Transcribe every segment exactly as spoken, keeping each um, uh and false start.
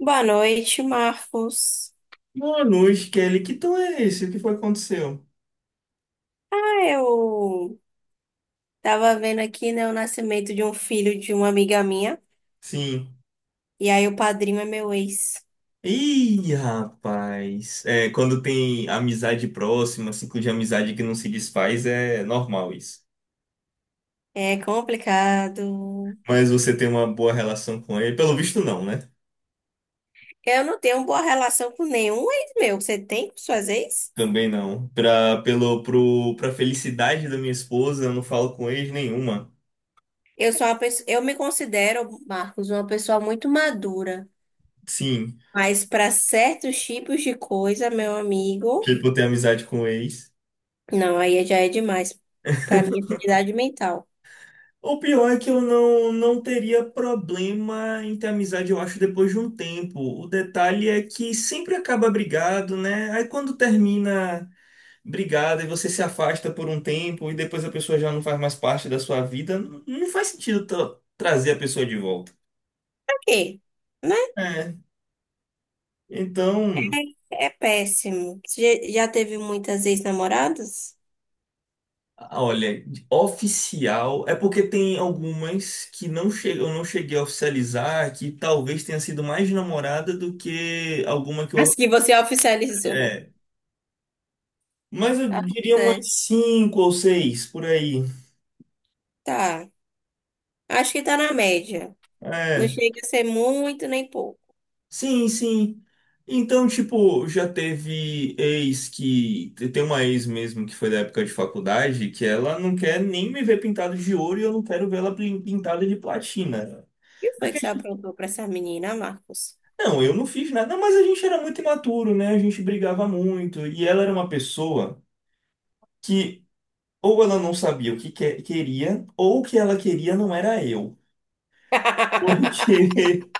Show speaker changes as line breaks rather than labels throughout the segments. Boa noite, Marcos.
Manus, Kelly, que tom é esse? O que foi que aconteceu?
Ah, eu tava vendo aqui, né, o nascimento de um filho de uma amiga minha,
Sim.
e aí o padrinho é meu ex.
Ih, rapaz. É, quando tem amizade próxima, ciclo de amizade que não se desfaz, é normal isso.
É complicado.
Mas você tem uma boa relação com ele? Pelo visto, não, né?
Eu não tenho boa relação com nenhum ex meu. Você tem com suas ex?
Também não. Pra, pelo, pro, pra felicidade da minha esposa, eu não falo com ex nenhuma.
Eu sou uma pessoa, eu me considero, Marcos, uma pessoa muito madura,
Sim,
mas para certos tipos de coisa, meu amigo,
tipo, eu tenho amizade com ex.
não, aí já é demais para minha sanidade mental.
O pior é que eu não, não teria problema em ter amizade, eu acho, depois de um tempo. O detalhe é que sempre acaba brigado, né? Aí quando termina brigado e você se afasta por um tempo e depois a pessoa já não faz mais parte da sua vida, não, não faz sentido tra- trazer a pessoa de volta.
Por quê?
É. Então,
É péssimo. Você Já já teve muitas ex-namoradas?
olha, oficial é porque tem algumas que não che- eu não cheguei a oficializar, que talvez tenha sido mais namorada do que alguma que
As
eu.
que você oficializou.
É, mas eu
Ah.
diria umas
Tá.
cinco ou seis por aí.
Tá. Acho que tá na média. Não
É,
chega a ser muito nem pouco.
sim, sim. Então, tipo, já teve ex que. Tem uma ex mesmo que foi da época de faculdade que ela não quer nem me ver pintado de ouro e eu não quero ver ela pin- pintada de platina.
O que foi que
Porque,
você aprontou pra essa menina, Marcos?
não, eu não fiz nada, mas a gente era muito imaturo, né? A gente brigava muito. E ela era uma pessoa que ou ela não sabia o que que- é, queria, ou o que ela queria não era eu. Porque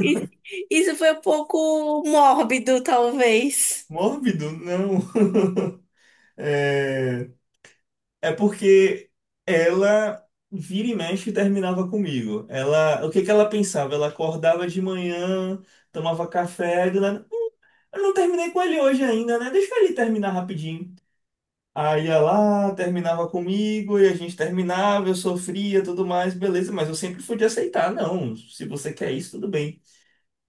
Isso isso foi um pouco mórbido, talvez.
mórbido, não. É, é porque ela vira e mexe e terminava comigo. Ela, o que que ela pensava? Ela acordava de manhã, tomava café, do nada: "Eu não terminei com ele hoje ainda, né? Deixa ele terminar rapidinho." Aí ia lá, terminava comigo e a gente terminava, eu sofria, tudo mais, beleza, mas eu sempre fui de aceitar, não. Se você quer isso, tudo bem.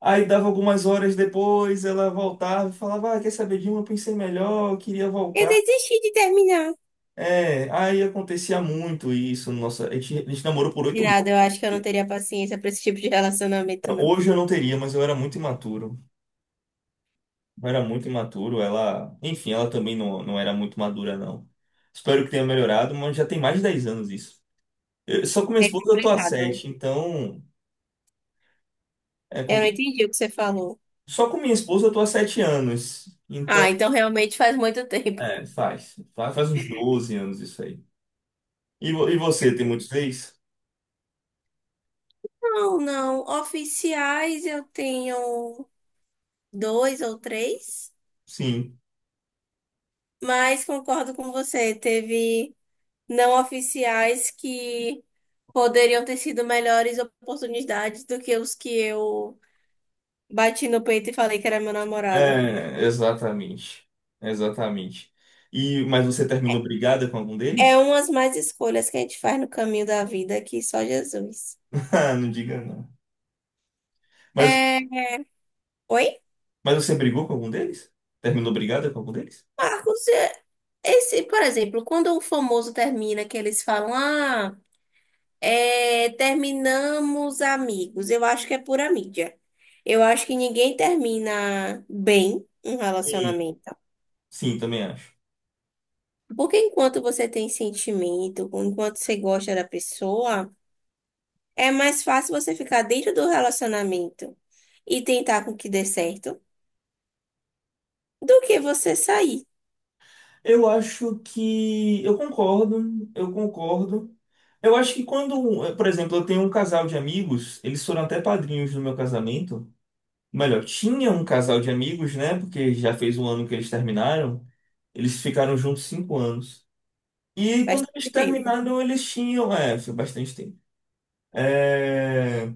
Aí dava algumas horas depois, ela voltava e falava: "Ah, quer saber de uma? Eu pensei melhor, eu queria
Eu
voltar."
desisti de terminar.
É, aí acontecia muito isso. Nossa, a gente, a gente namorou por
De
oito meses.
nada, eu acho que eu não teria paciência pra esse tipo de relacionamento, não.
Hoje eu não teria, mas eu era muito imaturo. Eu era muito imaturo. Ela, enfim, ela também não, não era muito madura, não. Espero que tenha melhorado, mas já tem mais de dez anos isso. Eu- só com minha
É
esposa eu tô há
complicado, né?
sete, então é
Eu não
complicado.
entendi o que você falou.
Só com minha esposa eu tô há sete anos.
Ah,
Então,
então realmente faz muito tempo.
é, faz. Faz, faz uns doze anos isso aí. E, vo- e você, tem muitos ex?
Não, não. Oficiais eu tenho dois ou três,
Sim.
mas concordo com você. Teve não oficiais que poderiam ter sido melhores oportunidades do que os que eu bati no peito e falei que era meu namorado.
É, exatamente. Exatamente. E, mas você
É
terminou brigada com algum
é
deles?
umas mais escolhas que a gente faz no caminho da vida que só Jesus.
Ah, não diga não. Mas,
É... Oi,
mas você brigou com algum deles? Terminou brigada com algum deles?
Marcos, é- esse, por exemplo, quando o famoso termina, que eles falam, ah. É, terminamos amigos. Eu acho que é pura mídia. Eu acho que ninguém termina bem um
Sim.
relacionamento.
Sim, também acho.
Porque enquanto você tem sentimento, enquanto você gosta da pessoa, é mais fácil você ficar dentro do relacionamento e tentar com que dê certo do que você sair
Eu acho que. Eu concordo, eu concordo. Eu acho que quando, eh, por exemplo, eu tenho um casal de amigos, eles foram até padrinhos no meu casamento. Melhor, tinha um casal de amigos, né? Porque já fez um ano que eles terminaram. Eles ficaram juntos cinco anos. E quando
bastante
eles
tempo.
terminaram, eles tinham, é, foi bastante tempo. É,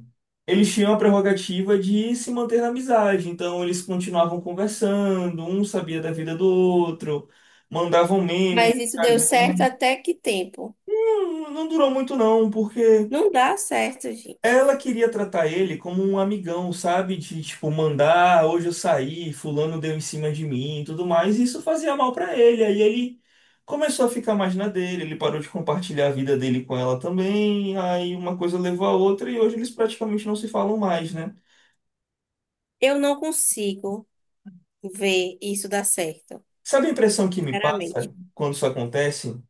eles tinham a prerrogativa de se manter na amizade, então eles continuavam conversando, um sabia da vida do outro, mandavam meme no
Mas isso deu certo
Instagram.
até que tempo?
Não, não durou muito não, porque
Não dá certo, gente.
ela queria tratar ele como um amigão, sabe? De tipo, mandar: "Ah, hoje eu saí, fulano deu em cima de mim e tudo mais." E isso fazia mal pra ele. Aí ele começou a ficar mais na dele, ele parou de compartilhar a vida dele com ela também. Aí uma coisa levou a outra e hoje eles praticamente não se falam mais, né?
Eu não consigo ver isso dar certo,
Sabe a impressão que me
sinceramente.
passa quando isso acontece?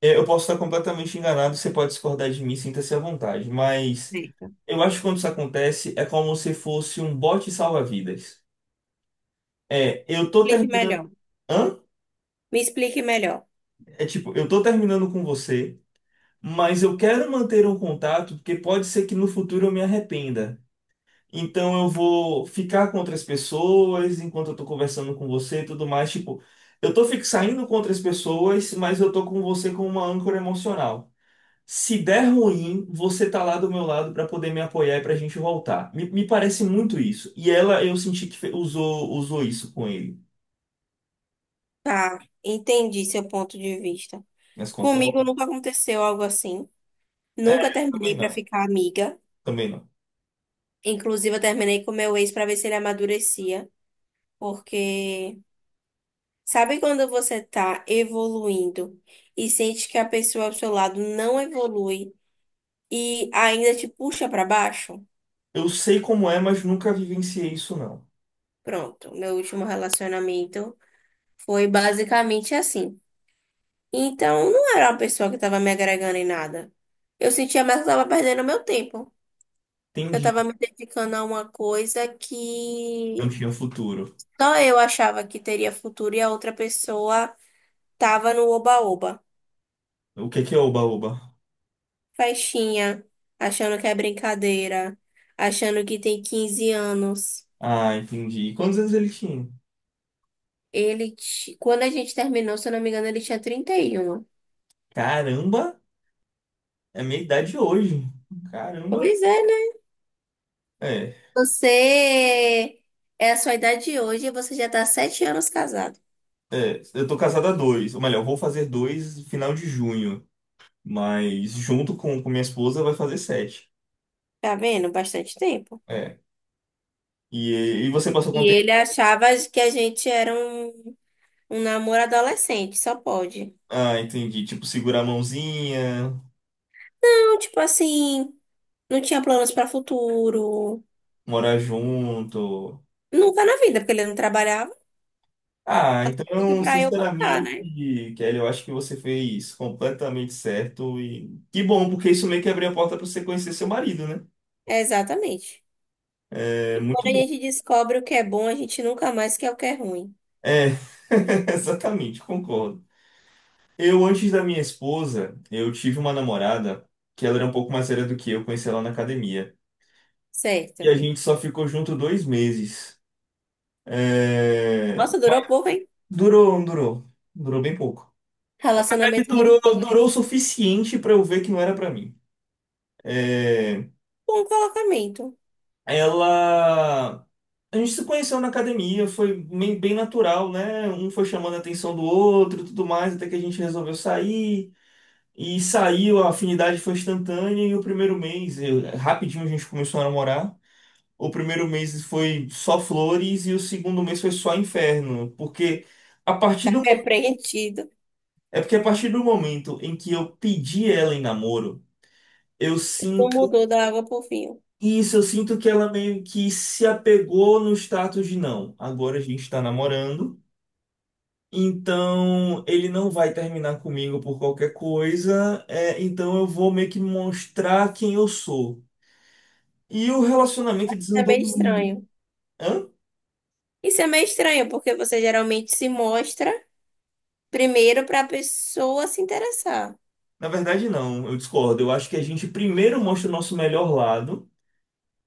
É, eu posso estar completamente enganado, você pode discordar de mim, sinta-se à vontade. Mas
É.
eu acho que quando isso acontece é como se fosse um bote salva-vidas. É, eu tô
Explique
terminando.
melhor.
Hã?
Me explique melhor.
É tipo, eu tô terminando com você, mas eu quero manter um contato porque pode ser que no futuro eu me arrependa. Então eu vou ficar com outras pessoas enquanto eu tô conversando com você e tudo mais. Tipo, eu tô fi- saindo com outras pessoas, mas eu tô com você como uma âncora emocional. Se der ruim, você tá lá do meu lado pra poder me apoiar e pra gente voltar. Me, me parece muito isso. E ela, eu senti que fe- usou, usou isso com ele.
Tá, entendi seu ponto de vista.
Mas concordo?
Comigo nunca aconteceu algo assim.
É,
Nunca
também
terminei pra
não.
ficar amiga.
Também não.
Inclusive, eu terminei com meu ex pra ver se ele amadurecia. Porque sabe quando você tá evoluindo e sente que a pessoa ao seu lado não evolui e ainda te puxa pra baixo?
Eu sei como é, mas nunca vivenciei isso, não.
Pronto, meu último relacionamento foi basicamente assim. Então, não era uma pessoa que estava me agregando em nada. Eu sentia mais que eu estava perdendo meu tempo. Eu estava
Entendi.
me dedicando a uma coisa que
Não tinha futuro.
só eu achava que teria futuro e a outra pessoa estava no oba-oba.
O que é que é oba-oba?
Festinha, achando que é brincadeira, achando que tem quinze anos.
Ah, entendi. E quantos anos ele tinha?
Ele, ti- quando a gente terminou, se eu não me engano, ele tinha trinta e um.
Caramba, é a minha idade hoje. Caramba.
Pois é, né?
É,
Você é a sua idade hoje e você já está sete anos casado.
é. Eu tô casado há dois. Ou melhor, vou fazer dois no final de junho. Mas junto com, com minha esposa vai fazer sete.
Tá vendo? Bastante tempo.
É. E, e você passou quanto
E ele
tempo?
achava que a gente era um, um namoro adolescente, só pode.
Ah, entendi. Tipo, segurar a mãozinha,
Não, tipo assim, não tinha planos para futuro.
morar junto.
Nunca na vida, porque ele não trabalhava,
Ah,
tudo
então,
pra eu bancar,
sinceramente,
né?
Kelly, eu acho que você fez completamente certo e que bom, porque isso meio que abriu a porta para você conhecer seu marido, né?
É, exatamente.
É
E quando
muito
a
bom.
gente descobre o que é bom, a gente nunca mais quer o que é ruim.
É, exatamente, concordo. Eu, antes da minha esposa, eu tive uma namorada que ela era um pouco mais velha do que eu, conheci ela na academia. E
Certo.
a gente só ficou junto dois meses. É,
Nossa, durou pouco, hein?
durou, não durou. Durou bem pouco. Na verdade,
Relacionamento,
durou, durou o
relacionamento.
suficiente para eu ver que não era para mim. É,
Bom colocamento.
ela. A gente se conheceu na academia, foi bem, bem natural, né? Um foi chamando a atenção do outro, e tudo mais, até que a gente resolveu sair. E saiu, a afinidade foi instantânea. E o primeiro mês, eu- rapidinho a gente começou a namorar. O primeiro mês foi só flores e o segundo mês foi só inferno. Porque a partir
Tá
do,
repreendido.
é porque a partir do momento em que eu pedi ela em namoro, eu
Não mudou da água pro vinho.
isso, eu sinto que ela meio que se apegou no status de não. Agora a gente está namorando, então ele não vai terminar comigo por qualquer coisa, é, então eu vou meio que mostrar quem eu sou. E o relacionamento
Isso é
desandou.
meio
mu-
estranho.
Hã?
Isso é meio estranho, porque você geralmente se mostra. Primeiro para a pessoa se interessar.
Na verdade, não, eu discordo. Eu acho que a gente primeiro mostra o nosso melhor lado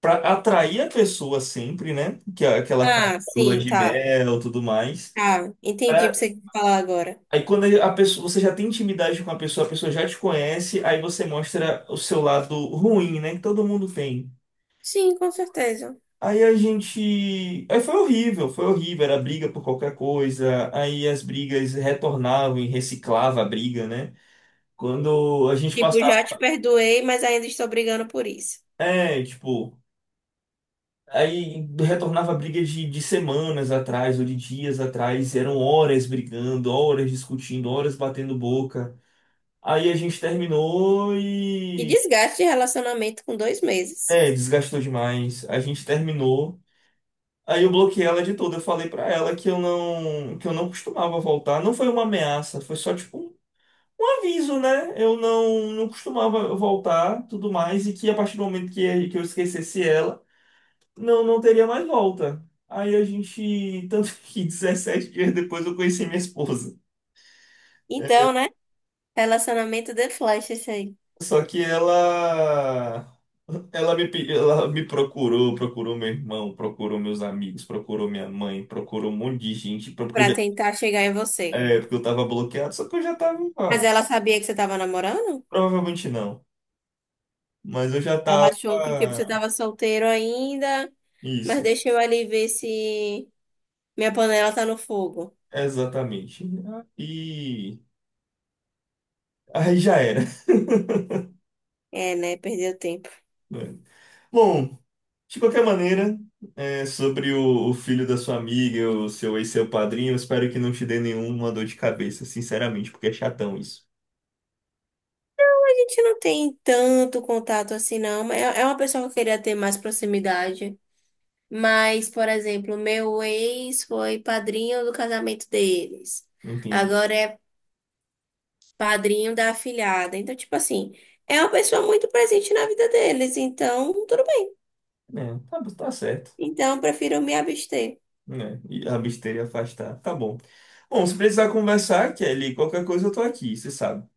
para atrair a pessoa sempre, né? Que é aquela fase
Ah,
da lua
sim,
de
tá.
mel, tudo mais.
Tá, entendi o que você quer falar agora.
Aí quando a pessoa, você já tem intimidade com a pessoa, a pessoa já te conhece, aí você mostra o seu lado ruim, né? Que todo mundo tem.
Sim, com certeza.
Aí a gente. Aí foi horrível, foi horrível. Era briga por qualquer coisa. Aí as brigas retornavam e reciclava a briga, né? Quando a gente
Tipo,
passava.
já te perdoei, mas ainda estou brigando por isso.
É, tipo. Aí retornava briga de, de semanas atrás ou de dias atrás. Eram horas brigando, horas discutindo, horas batendo boca. Aí a gente terminou e
E desgaste de relacionamento com dois meses.
é, desgastou demais. A gente terminou. Aí eu bloqueei ela de tudo. Eu falei pra ela que eu não, que eu não costumava voltar. Não foi uma ameaça, foi só tipo um, um aviso, né? Eu não, não costumava voltar, tudo mais, e que a partir do momento que, que eu esquecesse ela, não, não teria mais volta. Aí a gente, tanto que dezessete dias depois eu conheci minha esposa.
Então, né? Relacionamento de flash isso aí.
Só que ela ela me pe- ela me procurou, procurou meu irmão, procurou meus amigos, procurou minha mãe, procurou um monte de gente, porque eu
Pra
já,
tentar chegar em você.
é, porque eu tava bloqueado, só que eu já tava,
Mas
ó,
ela sabia que você tava namorando?
provavelmente não, mas eu já
Ela
tava,
achou que, tipo, você tava solteiro ainda, mas
isso,
deixa eu ali ver se minha panela tá no fogo.
exatamente. E aí já era.
É, né? Perdeu tempo.
Bom, de qualquer maneira, é, sobre o, o filho da sua amiga, o seu ex, seu padrinho, eu espero que não te dê nenhuma dor de cabeça, sinceramente, porque é chatão isso.
A gente não tem tanto contato assim, não, mas É é uma pessoa que eu queria ter mais proximidade. Mas, por exemplo, meu ex foi padrinho do casamento deles.
Entendi.
Agora é padrinho da afilhada. Então, tipo assim, é uma pessoa muito presente na vida deles. Então, tudo bem.
É, tá, tá certo.
Então, eu prefiro me abster.
Né? E abster e afastar. Tá, tá bom. Bom, se precisar conversar, Kelly, qualquer coisa eu tô aqui, você sabe.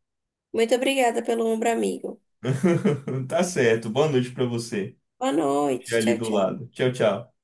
Muito obrigada pelo ombro amigo.
Tá certo. Boa noite pra você.
Boa
Já
noite.
ali
Tchau,
do
tchau.
lado. Tchau, tchau.